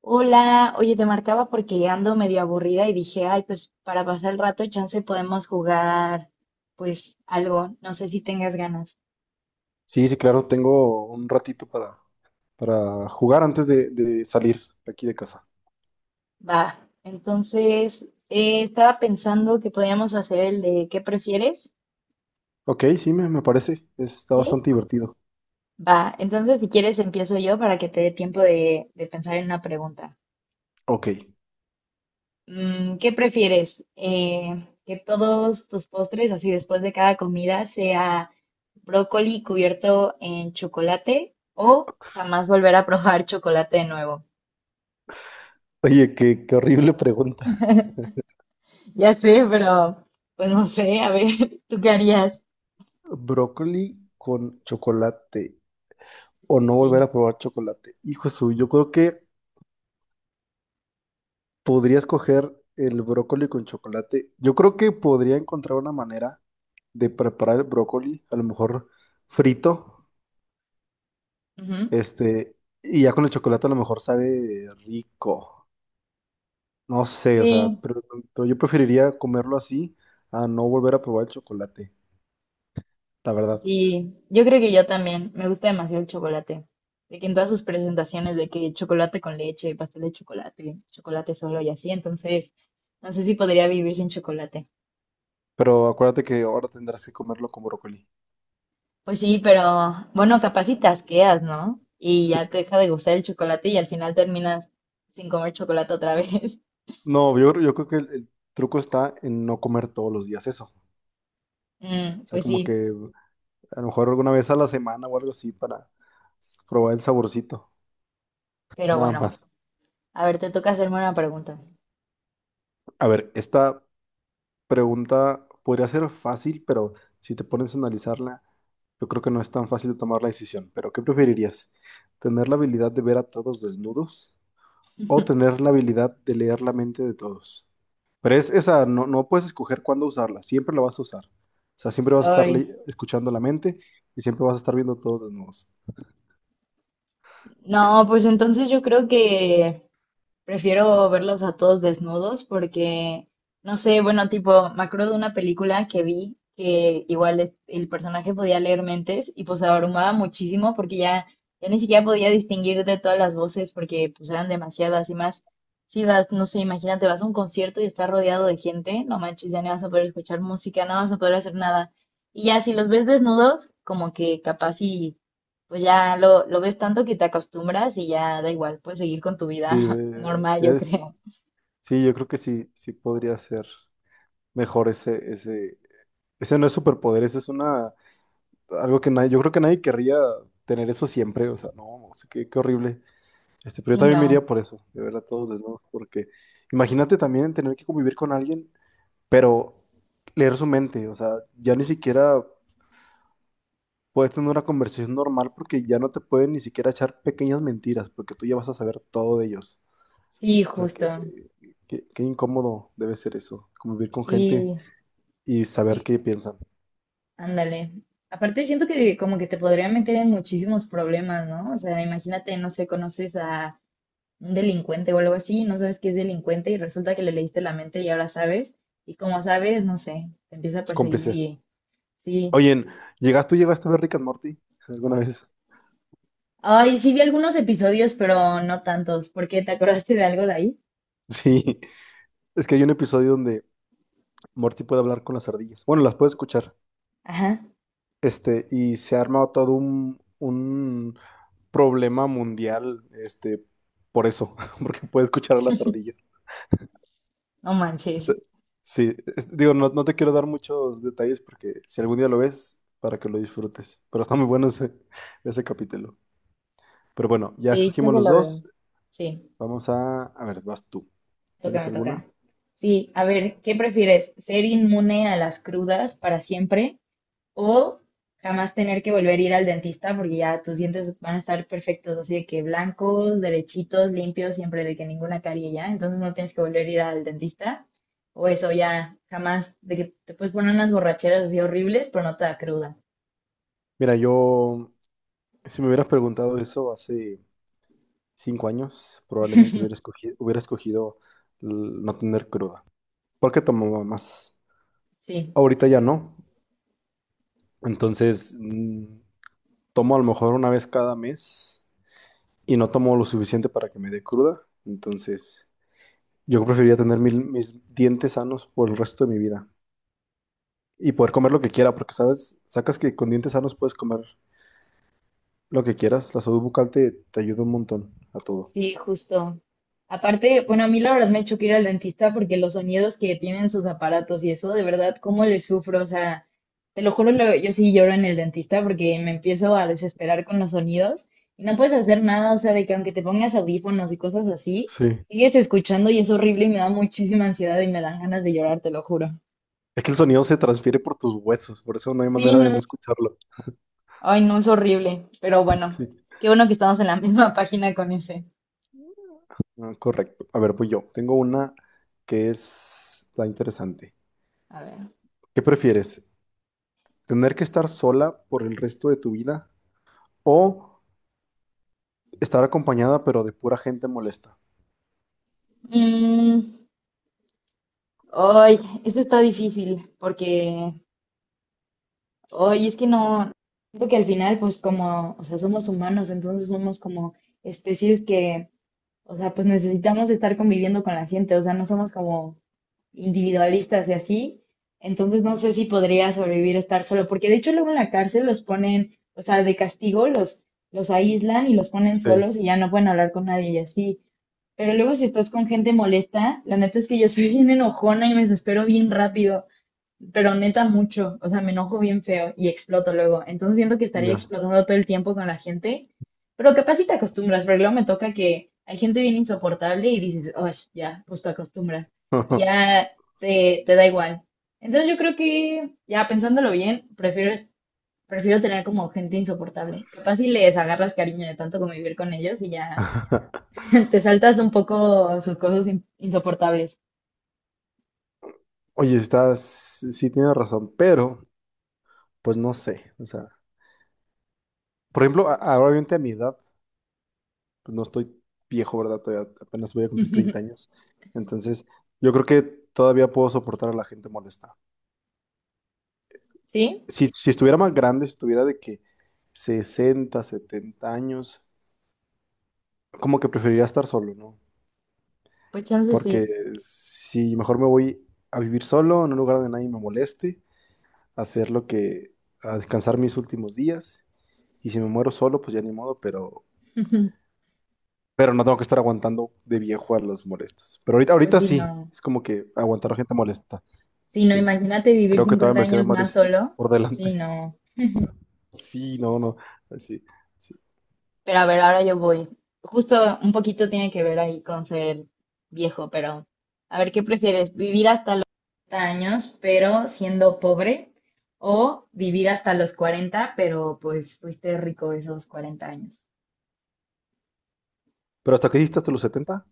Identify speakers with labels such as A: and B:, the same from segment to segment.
A: Hola, oye, te marcaba porque ando medio aburrida y dije, ay, pues para pasar el rato, chance podemos jugar, pues algo, no sé si tengas ganas.
B: Sí, sí, claro, tengo un ratito para jugar antes de salir de aquí de casa.
A: Va, entonces estaba pensando que podíamos hacer el de ¿qué prefieres?
B: Ok, sí, me parece. Está
A: ¿Sí?
B: bastante divertido.
A: Va, entonces si quieres empiezo yo para que te dé tiempo de pensar en una pregunta.
B: Ok.
A: ¿Qué prefieres? ¿Que todos tus postres, así después de cada comida, sea brócoli cubierto en chocolate o jamás volver a probar chocolate de nuevo?
B: Oye, qué horrible pregunta.
A: Ya sé, pero pues no sé, a ver, ¿tú qué harías?
B: Brócoli con chocolate o no
A: Sí.
B: volver a probar chocolate. Hijo suyo, yo creo que podría escoger el brócoli con chocolate. Yo creo que podría encontrar una manera de preparar el brócoli, a lo mejor frito,
A: Ujú.
B: este, y ya con el chocolate a lo mejor sabe rico. No sé, o sea,
A: Sí,
B: pero yo preferiría comerlo así a no volver a probar el chocolate, la verdad.
A: sí, yo creo que yo también. Me gusta demasiado el chocolate. De que en todas sus presentaciones, de que chocolate con leche, pastel de chocolate, chocolate solo y así, entonces no sé si podría vivir sin chocolate.
B: Pero acuérdate que ahora tendrás que comerlo con brócoli.
A: Pues sí, pero bueno, capaz si te, ¿no? Y ya te deja de gustar el chocolate y al final terminas sin comer chocolate otra vez.
B: No, yo creo que el truco está en no comer todos los días eso. O
A: Mm,
B: sea,
A: pues
B: como
A: sí,
B: que a lo mejor alguna vez a la semana o algo así para probar el saborcito,
A: pero
B: nada
A: bueno,
B: más.
A: a ver, te toca hacerme una pregunta.
B: A ver, esta pregunta podría ser fácil, pero si te pones a analizarla, yo creo que no es tan fácil de tomar la decisión. Pero, ¿qué preferirías? ¿Tener la habilidad de ver a todos desnudos o tener la habilidad de leer la mente de todos? Pero es esa, no puedes escoger cuándo usarla, siempre la vas a usar. O sea, siempre vas a estar
A: Ay,
B: escuchando la mente y siempre vas a estar viendo a todos desnudos.
A: no, pues entonces yo creo que prefiero verlos a todos desnudos porque, no sé, bueno, tipo, me acuerdo de una película que vi que igual el personaje podía leer mentes y pues abrumaba muchísimo porque ya, ya ni siquiera podía distinguir de todas las voces porque pues eran demasiadas y más. Si vas, no sé, imagínate, vas a un concierto y estás rodeado de gente, no manches, ya no vas a poder escuchar música, no vas a poder hacer nada. Y ya si los ves desnudos, como que capaz pues ya lo ves tanto que te acostumbras y ya da igual, puedes seguir con tu
B: Sí
A: vida normal, yo creo.
B: sí, yo creo que sí, sí podría ser mejor ese no es superpoder, ese es una algo que nadie, yo creo que nadie querría tener eso siempre, o sea, no sé qué horrible. Pero yo
A: Sí,
B: también me
A: no.
B: iría por eso, de ver a todos desnudos, porque imagínate también tener que convivir con alguien, pero leer su mente, o sea, ya ni siquiera puedes tener una conversación normal porque ya no te pueden ni siquiera echar pequeñas mentiras, porque tú ya vas a saber todo de ellos.
A: Sí,
B: O sea,
A: justo.
B: qué incómodo debe ser eso, convivir con gente
A: Sí.
B: y saber
A: Y
B: qué piensan.
A: ándale. Aparte siento que como que te podría meter en muchísimos problemas, ¿no? O sea, imagínate, no sé, conoces a un delincuente o algo así, no sabes que es delincuente y resulta que le leíste la mente y ahora sabes. Y como sabes, no sé, te empieza a
B: Es
A: perseguir
B: cómplice.
A: y sí.
B: Oye, tú llegaste a ver Rick and Morty alguna vez?
A: Ay, sí vi algunos episodios, pero no tantos, ¿por qué te acordaste de algo de ahí?
B: Sí. Es que hay un episodio donde Morty puede hablar con las ardillas. Bueno, las puede escuchar.
A: Ajá,
B: Y se ha armado todo un problema mundial, por eso, porque puede escuchar a las ardillas.
A: no manches.
B: Este, sí, digo, no te quiero dar muchos detalles porque si algún día lo ves, para que lo disfrutes. Pero está muy bueno ese capítulo. Pero bueno, ya
A: Sí,
B: escogimos
A: chance
B: los
A: lo veo.
B: dos.
A: Sí,
B: Vamos a ver, vas tú.
A: toca,
B: ¿Tienes
A: me
B: alguna?
A: toca. Sí, a ver, ¿qué prefieres? ¿Ser inmune a las crudas para siempre o jamás tener que volver a ir al dentista porque ya tus dientes van a estar perfectos, así de que blancos, derechitos, limpios, siempre de que ninguna carie ya, entonces no tienes que volver a ir al dentista? O eso ya, jamás, de que te puedes poner unas borracheras así horribles, pero no te da cruda.
B: Mira, yo, si me hubieras preguntado eso hace 5 años, probablemente hubiera escogido, hubiera escogido l- no tener cruda, porque tomaba más.
A: Sí.
B: Ahorita ya no, entonces tomo a lo mejor una vez cada mes y no tomo lo suficiente para que me dé cruda, entonces yo preferiría tener mis dientes sanos por el resto de mi vida y poder comer lo que quiera, porque sabes, sacas que con dientes sanos puedes comer lo que quieras, la salud bucal te ayuda un montón a todo.
A: Sí, justo. Aparte, bueno, a mí la verdad me choca ir al dentista porque los sonidos que tienen sus aparatos y eso, de verdad, cómo les sufro. O sea, te lo juro, yo sí lloro en el dentista porque me empiezo a desesperar con los sonidos y no puedes hacer nada. O sea, de que aunque te pongas audífonos y cosas así,
B: Sí.
A: sigues escuchando y es horrible y me da muchísima ansiedad y me dan ganas de llorar, te lo juro.
B: Es que el sonido se transfiere por tus huesos, por eso no hay
A: Sí,
B: manera de no
A: no.
B: escucharlo.
A: Ay, no, es horrible. Pero bueno,
B: Sí.
A: qué bueno que estamos en la misma página con ese.
B: Ah, correcto. A ver, pues yo. Tengo una que está interesante.
A: A ver.
B: ¿Qué prefieres? ¿Tener que estar sola por el resto de tu vida o estar acompañada pero de pura gente molesta?
A: Mm. Ay, esto está difícil porque, ay, es que no, siento que al final, pues como, o sea, somos humanos, entonces somos como especies que, o sea, pues necesitamos estar conviviendo con la gente, o sea, no somos como individualistas y así, entonces no sé si podría sobrevivir estar solo, porque de hecho luego en la cárcel los ponen, o sea, de castigo los aíslan y los ponen
B: Sí,
A: solos y ya no pueden hablar con nadie y así. Pero luego si estás con gente molesta, la neta es que yo soy bien enojona y me desespero bien rápido. Pero neta mucho, o sea, me enojo bien feo y exploto luego. Entonces siento que estaría
B: ya.
A: explotando todo el tiempo con la gente, pero capaz si te acostumbras, porque luego me toca que hay gente bien insoportable y dices, oh, ya, pues te acostumbras y ya te da igual. Entonces yo creo que, ya pensándolo bien, prefiero, prefiero tener como gente insoportable. Capaz si les agarras cariño de tanto convivir con ellos y ya te saltas un poco sus cosas insoportables.
B: Oye, sí tienes razón, pero pues no sé. O sea, por ejemplo, ahora obviamente a mi edad, pues no estoy viejo, ¿verdad? Todavía apenas voy a cumplir 30 años. Entonces, yo creo que todavía puedo soportar a la gente molesta.
A: ¿Sí?
B: Si estuviera más grande, si estuviera de que 60 70 años, como que preferiría estar solo, ¿no?
A: Pues chance sí.
B: Porque si mejor me voy a vivir solo, en un lugar donde nadie me moleste, a hacer lo que, a descansar mis últimos días, y si me muero solo, pues ya ni modo, pero, pero no tengo que estar aguantando de viejo a los molestos. Pero ahorita,
A: Pues
B: ahorita
A: sí,
B: sí,
A: no.
B: es como que aguantar a gente molesta,
A: Sí, no,
B: sí.
A: imagínate vivir
B: Creo que
A: 50
B: todavía me
A: años
B: quedan varios
A: más
B: años
A: solo.
B: por
A: Sí,
B: delante.
A: no.
B: Sí, no, no, sí, sí.
A: Pero a ver, ahora yo voy. Justo un poquito tiene que ver ahí con ser viejo, pero a ver, ¿qué prefieres? ¿Vivir hasta los 40 años, pero siendo pobre? ¿O vivir hasta los 40 pero pues fuiste rico esos 40 años?
B: ¿Pero hasta qué hiciste hasta los 70?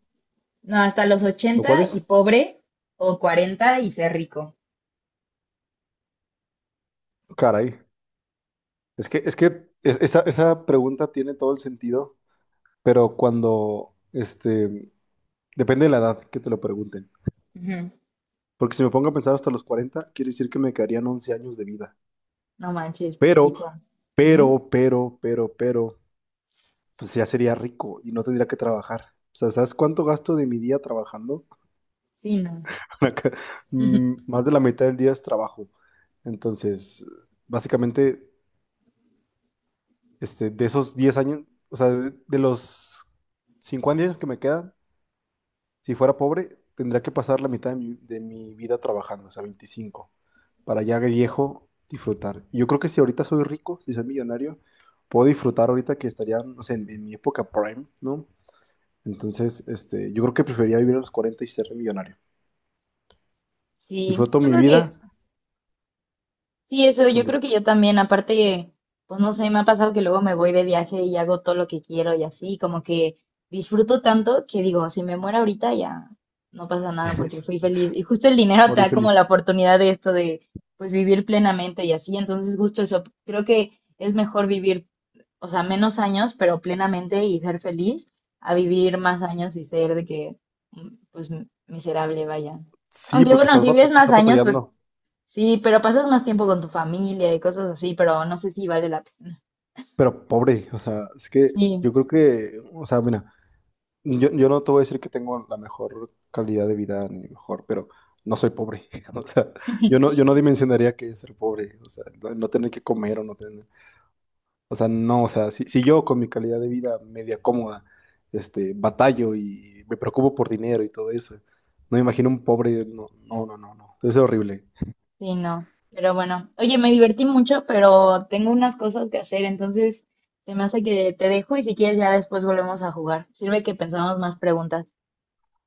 A: No, hasta los
B: ¿O cuál
A: 80 y
B: es?
A: pobre, o 40 y ser rico.
B: Caray, es que esa pregunta tiene todo el sentido, pero cuando, depende de la edad que te lo pregunten.
A: Ujú.
B: Porque si me pongo a pensar hasta los 40 quiere decir que me quedarían 11 años de vida.
A: No manches,
B: Pero,
A: poquito. Ujú.
B: pero, pues ya sería rico y no tendría que trabajar. O sea, ¿sabes cuánto gasto de mi día trabajando?
A: Sí, no.
B: Para que- Más de la mitad del día es trabajo. Entonces, básicamente de esos 10 años, o sea, de los 50 años que me quedan, si fuera pobre, tendría que pasar la mitad de mi, vida trabajando, o sea, 25 para ya de viejo disfrutar. Y yo creo que si ahorita soy rico, si soy millonario, puedo disfrutar ahorita que estaría, no sé, en mi época prime, ¿no? Entonces, yo creo que preferiría vivir a los 40 y ser millonario.
A: Sí,
B: Disfruto
A: yo
B: mi
A: creo
B: vida
A: que. Sí, eso yo
B: donde
A: creo que yo también, aparte, pues no sé, me ha pasado que luego me voy de viaje y hago todo lo que quiero y así, como que disfruto tanto que digo, si me muero ahorita ya no pasa nada porque fui feliz. Y justo el dinero te
B: morir
A: da como la
B: feliz.
A: oportunidad de esto de, pues vivir plenamente y así, entonces justo eso, creo que es mejor vivir, o sea, menos años, pero plenamente y ser feliz, a vivir más años y ser de que, pues, miserable, vaya.
B: Sí,
A: Aunque
B: porque
A: bueno,
B: estás,
A: si vives más
B: estás
A: años, pues
B: batallando,
A: sí, pero pasas más tiempo con tu familia y cosas así, pero no sé si vale la pena.
B: pero pobre, o sea, es que
A: Sí,
B: yo creo que, o sea, mira, Yo no te voy a decir que tengo la mejor calidad de vida ni mejor, pero no soy pobre. O sea, yo no dimensionaría que es ser pobre. O sea, no tener que comer o no tener. O sea, no, o sea, si yo con mi calidad de vida media cómoda, batallo y me preocupo por dinero y todo eso, no me imagino un pobre. No, no, no, no, no. Debe ser horrible.
A: sí, no. Pero bueno, oye, me divertí mucho, pero tengo unas cosas que hacer, entonces se me hace que te dejo y si quieres ya después volvemos a jugar. Sirve que pensamos más preguntas.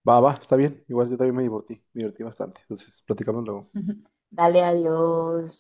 B: Va, va, está bien. Igual yo también me divertí bastante. Entonces, platicamos luego.
A: Dale, adiós.